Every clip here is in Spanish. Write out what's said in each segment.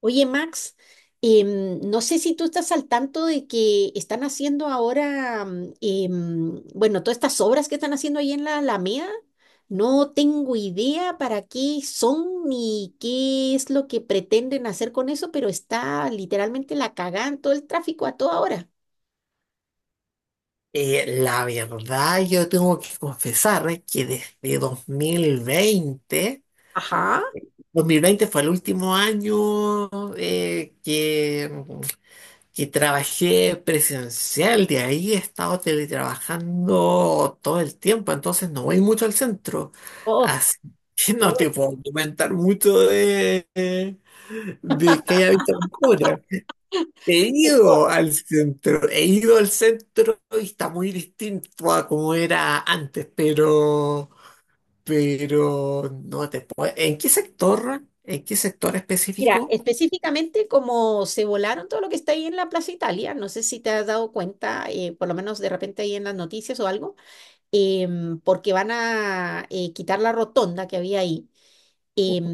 Oye, Max, no sé si tú estás al tanto de que están haciendo ahora, bueno, todas estas obras que están haciendo ahí en la Alameda, no tengo idea para qué son ni qué es lo que pretenden hacer con eso, pero está literalmente la cagada en todo el tráfico a toda hora. La verdad, yo tengo que confesar, que desde dos dos mil veinte Ajá. dos mil veinte fue el último año, que trabajé presencial. De ahí he estado teletrabajando todo el tiempo, entonces no voy mucho al centro, Oh, así que qué no bueno. te puedo comentar mucho de que haya visto ahora. He ido al centro y está muy distinto a como era antes, pero no te puedo. ¿En qué sector? ¿En qué sector Mira, específico? específicamente como se volaron todo lo que está ahí en la Plaza Italia, no sé si te has dado cuenta, por lo menos de repente ahí en las noticias o algo, porque van a quitar la rotonda que había ahí. em,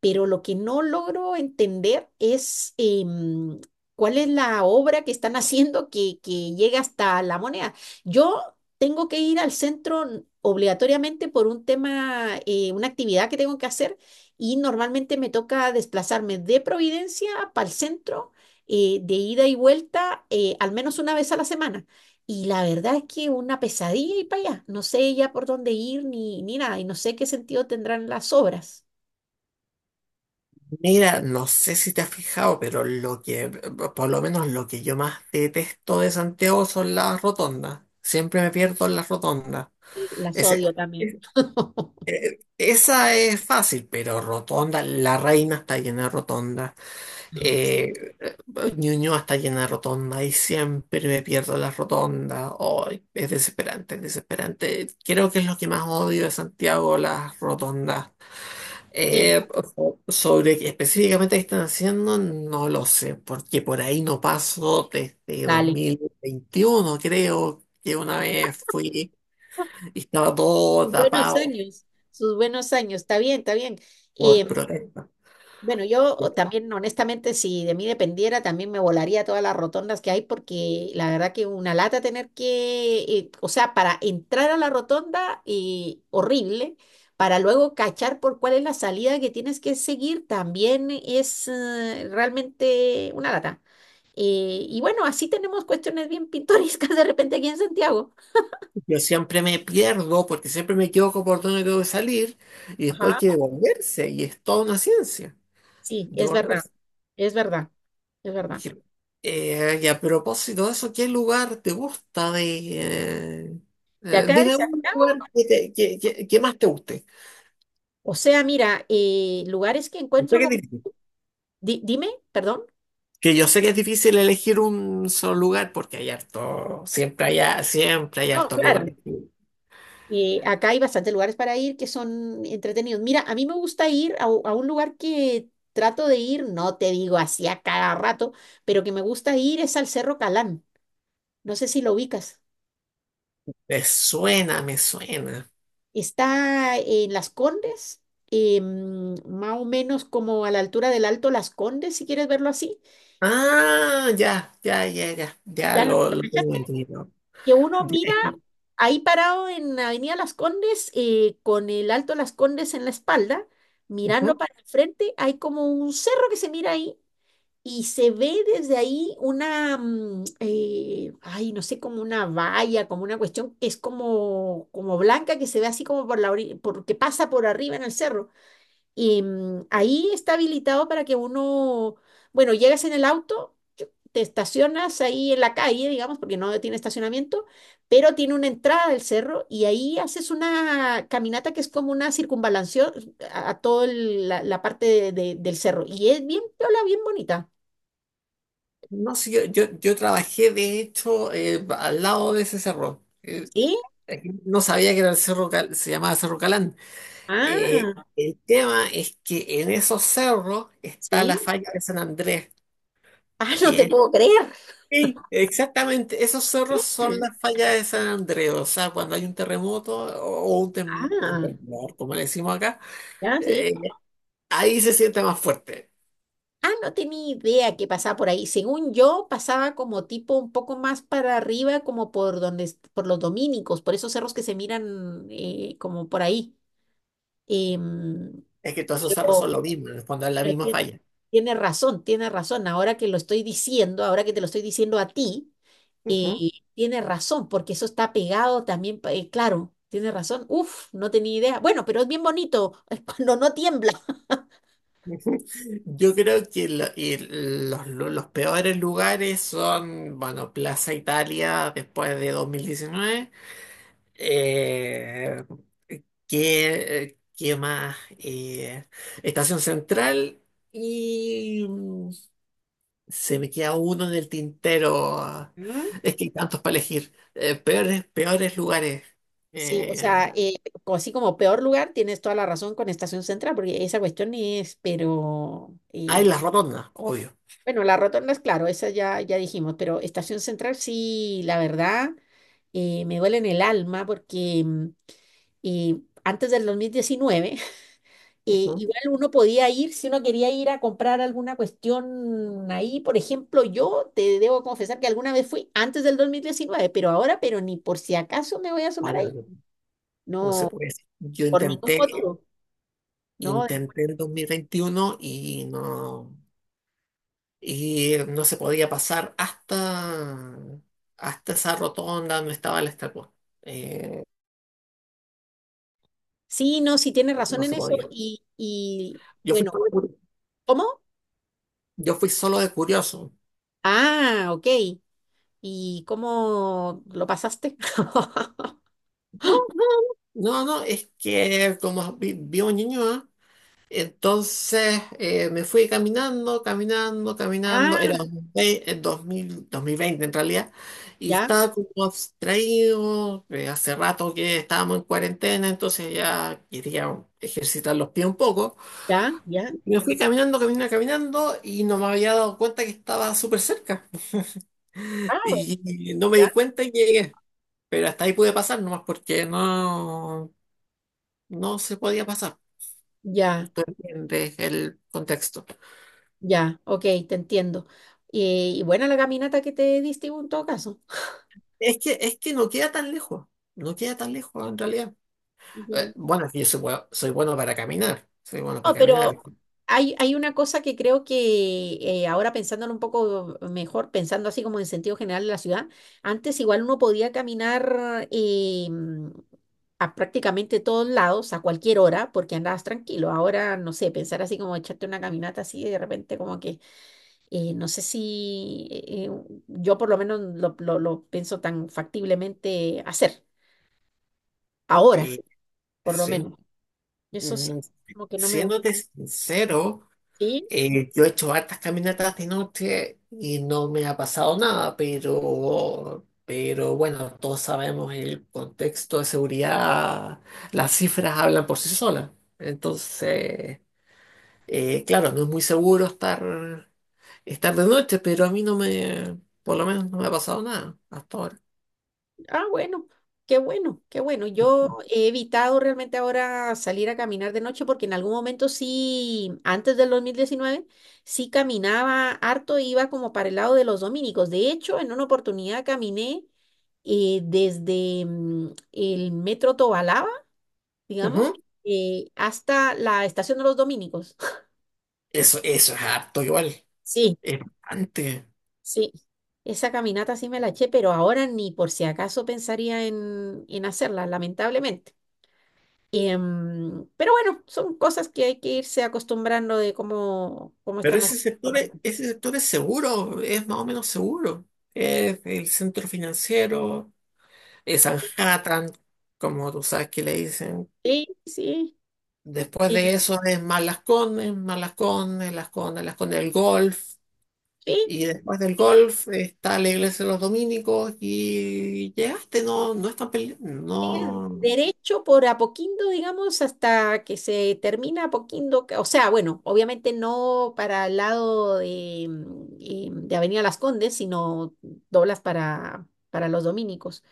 pero lo que no logro entender es cuál es la obra que están haciendo que llega hasta La Moneda. Yo tengo que ir al centro obligatoriamente por un tema, una actividad que tengo que hacer y normalmente me toca desplazarme de Providencia para el centro, de ida y vuelta, al menos una vez a la semana. Y la verdad es que una pesadilla y para allá. No sé ya por dónde ir ni, ni nada. Y no sé qué sentido tendrán las obras. Mira, no sé si te has fijado, pero por lo menos lo que yo más detesto de Santiago son las rotondas. Siempre me pierdo en las rotondas. Y las odio Ese- también. Esa es fácil, pero rotonda, La Reina está llena de rotondas. Eh, Ñuñoa está llena de rotondas y siempre me pierdo las rotondas. Ay, es desesperante, es desesperante. Creo que es lo que más odio de Santiago, las rotondas. Sí, Eh, Sobre qué específicamente qué están haciendo, no lo sé, porque por ahí no paso desde dale. 2021. Creo que una vez fui y estaba todo Sus buenos tapado años. Sus buenos años. Está bien, está bien. por Em, protesta. Bueno, yo también, honestamente, si de mí dependiera, también me volaría todas las rotondas que hay, porque la verdad que una lata tener que, o sea, para entrar a la rotonda, y horrible, para luego cachar por cuál es la salida que tienes que seguir, también es realmente una lata. Y bueno, así tenemos cuestiones bien pintorescas de repente aquí en Santiago. Yo siempre me pierdo porque siempre me equivoco por dónde tengo que salir y después hay que Ajá. devolverse y es toda una ciencia Sí, es verdad, devolverse. es verdad, es verdad. Dije, y a propósito de eso, ¿qué lugar te gusta de... eh, De acá de dime un Santiago. lugar que más te guste. O sea, mira, lugares que Yo sé encuentro que es como... difícil. Dime, perdón. Que yo sé que es difícil elegir un solo lugar porque hay harto, siempre hay No, hartos lugares. claro. Acá hay bastantes lugares para ir que son entretenidos. Mira, a mí me gusta ir a, a un lugar que trato de ir, no te digo así a cada rato, pero que me gusta ir es al Cerro Calán. No sé si lo ubicas. Me suena, me suena. Está en Las Condes, más o menos como a la altura del Alto Las Condes, si quieres verlo así. Ah, ya, ya, ya, ya, ya ¿Ya lo, lo lo tengo cachaste? entendido. Que uno mira Eh, eh, ahí parado en Avenida Las Condes, con el Alto Las Condes en la espalda, mirando Ujú. para el frente, hay como un cerro que se mira ahí y se ve desde ahí una, ay, no sé, como una valla, como una cuestión como blanca que se ve así como por la orilla, porque pasa por arriba en el cerro. Y ahí está habilitado para que uno, bueno, llegas en el auto, te estacionas ahí en la calle, digamos, porque no tiene estacionamiento, pero tiene una entrada del cerro y ahí haces una caminata que es como una circunvalación a toda la parte del cerro. Y es bien piola, bien bonita. No, sí, yo trabajé de hecho, al lado de ese cerro. ¿Sí? No sabía que era el cerro, se llamaba Cerro Calán. Eh, Ah, el tema es que en esos cerros está la sí. falla de San Andrés. Ah, no que te es- puedo creer. Sí, exactamente, esos cerros son las fallas de San Andrés. O sea, cuando hay un terremoto o un Ah, temblor, como le decimos acá, ya, sí. eh, ahí se siente más fuerte. Ah, no tenía idea que pasaba por ahí. Según yo, pasaba como tipo un poco más para arriba, como por donde, por los dominicos, por esos cerros que se miran como por ahí. Em, Es que todos esos cerros son lo pero, mismo, en el fondo es la pero misma ti- falla. tiene razón, tiene razón. Ahora que lo estoy diciendo, ahora que te lo estoy diciendo a ti, eh, tiene razón, porque eso está pegado también, claro, tiene razón. Uf, no tenía idea. Bueno, pero es bien bonito cuando no tiembla. Yo creo que y los peores lugares son, bueno, Plaza Italia después de 2019. Eh, ¿qué más? Estación Central y se me queda uno en el tintero. Es que hay tantos para elegir. Peores lugares. Sí, o Eh, sea, así como peor lugar, tienes toda la razón con Estación Central, porque esa cuestión es, pero Hay las rotondas, obvio. bueno, la rotonda es claro, esa ya dijimos, pero Estación Central sí, la verdad, me duele en el alma porque antes del 2019, Ujú. igual uno podía ir, si uno quería ir a comprar alguna cuestión ahí, por ejemplo, yo te debo confesar que alguna vez fui antes del dos mil diecinueve, pero ahora, pero ni por si acaso me voy a asomar Bueno, ahí. no se No, puede decir. Yo por ningún intenté motivo, ¿no? Intenté el 2021 y no, se podía pasar hasta esa rotonda donde estaba la estatua. Eh, Sí, no, sí tiene razón no en se eso. podía. Y Yo fui bueno, solo de, curi- ¿cómo? yo fui solo de curioso. Ah, ok. ¿Y cómo lo pasaste? No, no, no, no, es que como vivo en Ñuñoa. Entonces, me fui caminando, caminando, caminando. Ah, Era 2020 en realidad. Y ya, estaba como abstraído. Hace rato que estábamos en cuarentena, entonces ya quería ejercitar los pies un poco. ya, ya. Me fui caminando, caminando, caminando y no me había dado cuenta que estaba súper cerca. Ah, bueno, Y no me di ya. cuenta y llegué. Pero hasta ahí pude pasar nomás porque no se podía pasar. Ya, Tú entiendes el contexto. ya, ok, te entiendo. Y buena la caminata que te diste en todo caso. Es que no queda tan lejos, no queda tan lejos en realidad. Ya. Bueno, es que yo soy bueno para caminar, soy bueno para No, caminar. pero hay una cosa que creo que ahora pensándolo un poco mejor, pensando así como en sentido general de la ciudad, antes igual uno podía caminar a prácticamente todos lados a cualquier hora porque andabas tranquilo. Ahora, no sé, pensar así como echarte una caminata así de repente como que, no sé si yo por lo menos lo pienso tan factiblemente hacer, ahora, Y por lo sí. menos. Eso sí, Mm, como que no me gusta. Siéndote sincero, yo he hecho hartas caminatas de noche y no me ha pasado nada, pero bueno, todos sabemos el contexto de seguridad, las cifras hablan por sí solas. Entonces, claro, no es muy seguro estar de noche, pero a mí no me, por lo menos no me ha pasado nada hasta ahora. Ah, bueno, qué bueno, qué bueno. Yo he evitado realmente ahora salir a caminar de noche porque en algún momento sí, antes del 2019, sí caminaba harto, e iba como para el lado de los dominicos. De hecho, en una oportunidad caminé desde el metro Tobalaba, digamos, Ujú. Hasta la estación de los dominicos. Eso es harto igual, Sí, es bastante. sí. Esa caminata sí me la eché, pero ahora ni por si acaso pensaría en hacerla, lamentablemente. Pero bueno, son cosas que hay que irse acostumbrando de cómo, cómo Pero están las ese cosas sector, por acá. ese sector es seguro, es más o menos seguro. Es el centro financiero, es Manhattan, como tú sabes que le dicen. Sí, sí, Después de sí, eso es más Las Condes, Las Condes, Las Condes del Golf. sí, Y después del golf está la iglesia de los dominicos y llegaste, no, sigue no derecho por Apoquindo, digamos, hasta que se termina Apoquindo. O sea, bueno, obviamente no para el lado de, de Avenida Las Condes, sino doblas para los dominicos.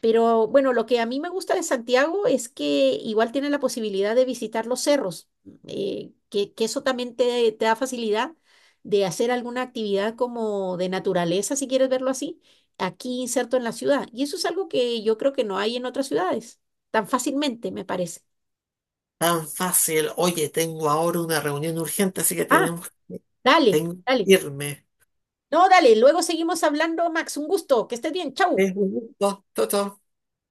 Pero bueno, lo que a mí me gusta de Santiago es que igual tiene la posibilidad de visitar los cerros, que eso también te da facilidad de hacer alguna actividad como de naturaleza, si quieres verlo así, aquí inserto en la ciudad. Y eso es algo que yo creo que no hay en otras ciudades, tan fácilmente, me parece. tan fácil. Oye, tengo ahora una reunión urgente, así que Ah, dale, tengo que dale. irme. No, dale, luego seguimos hablando, Max. Un gusto, que estés bien. Chau. Es un gusto. Chao, chao.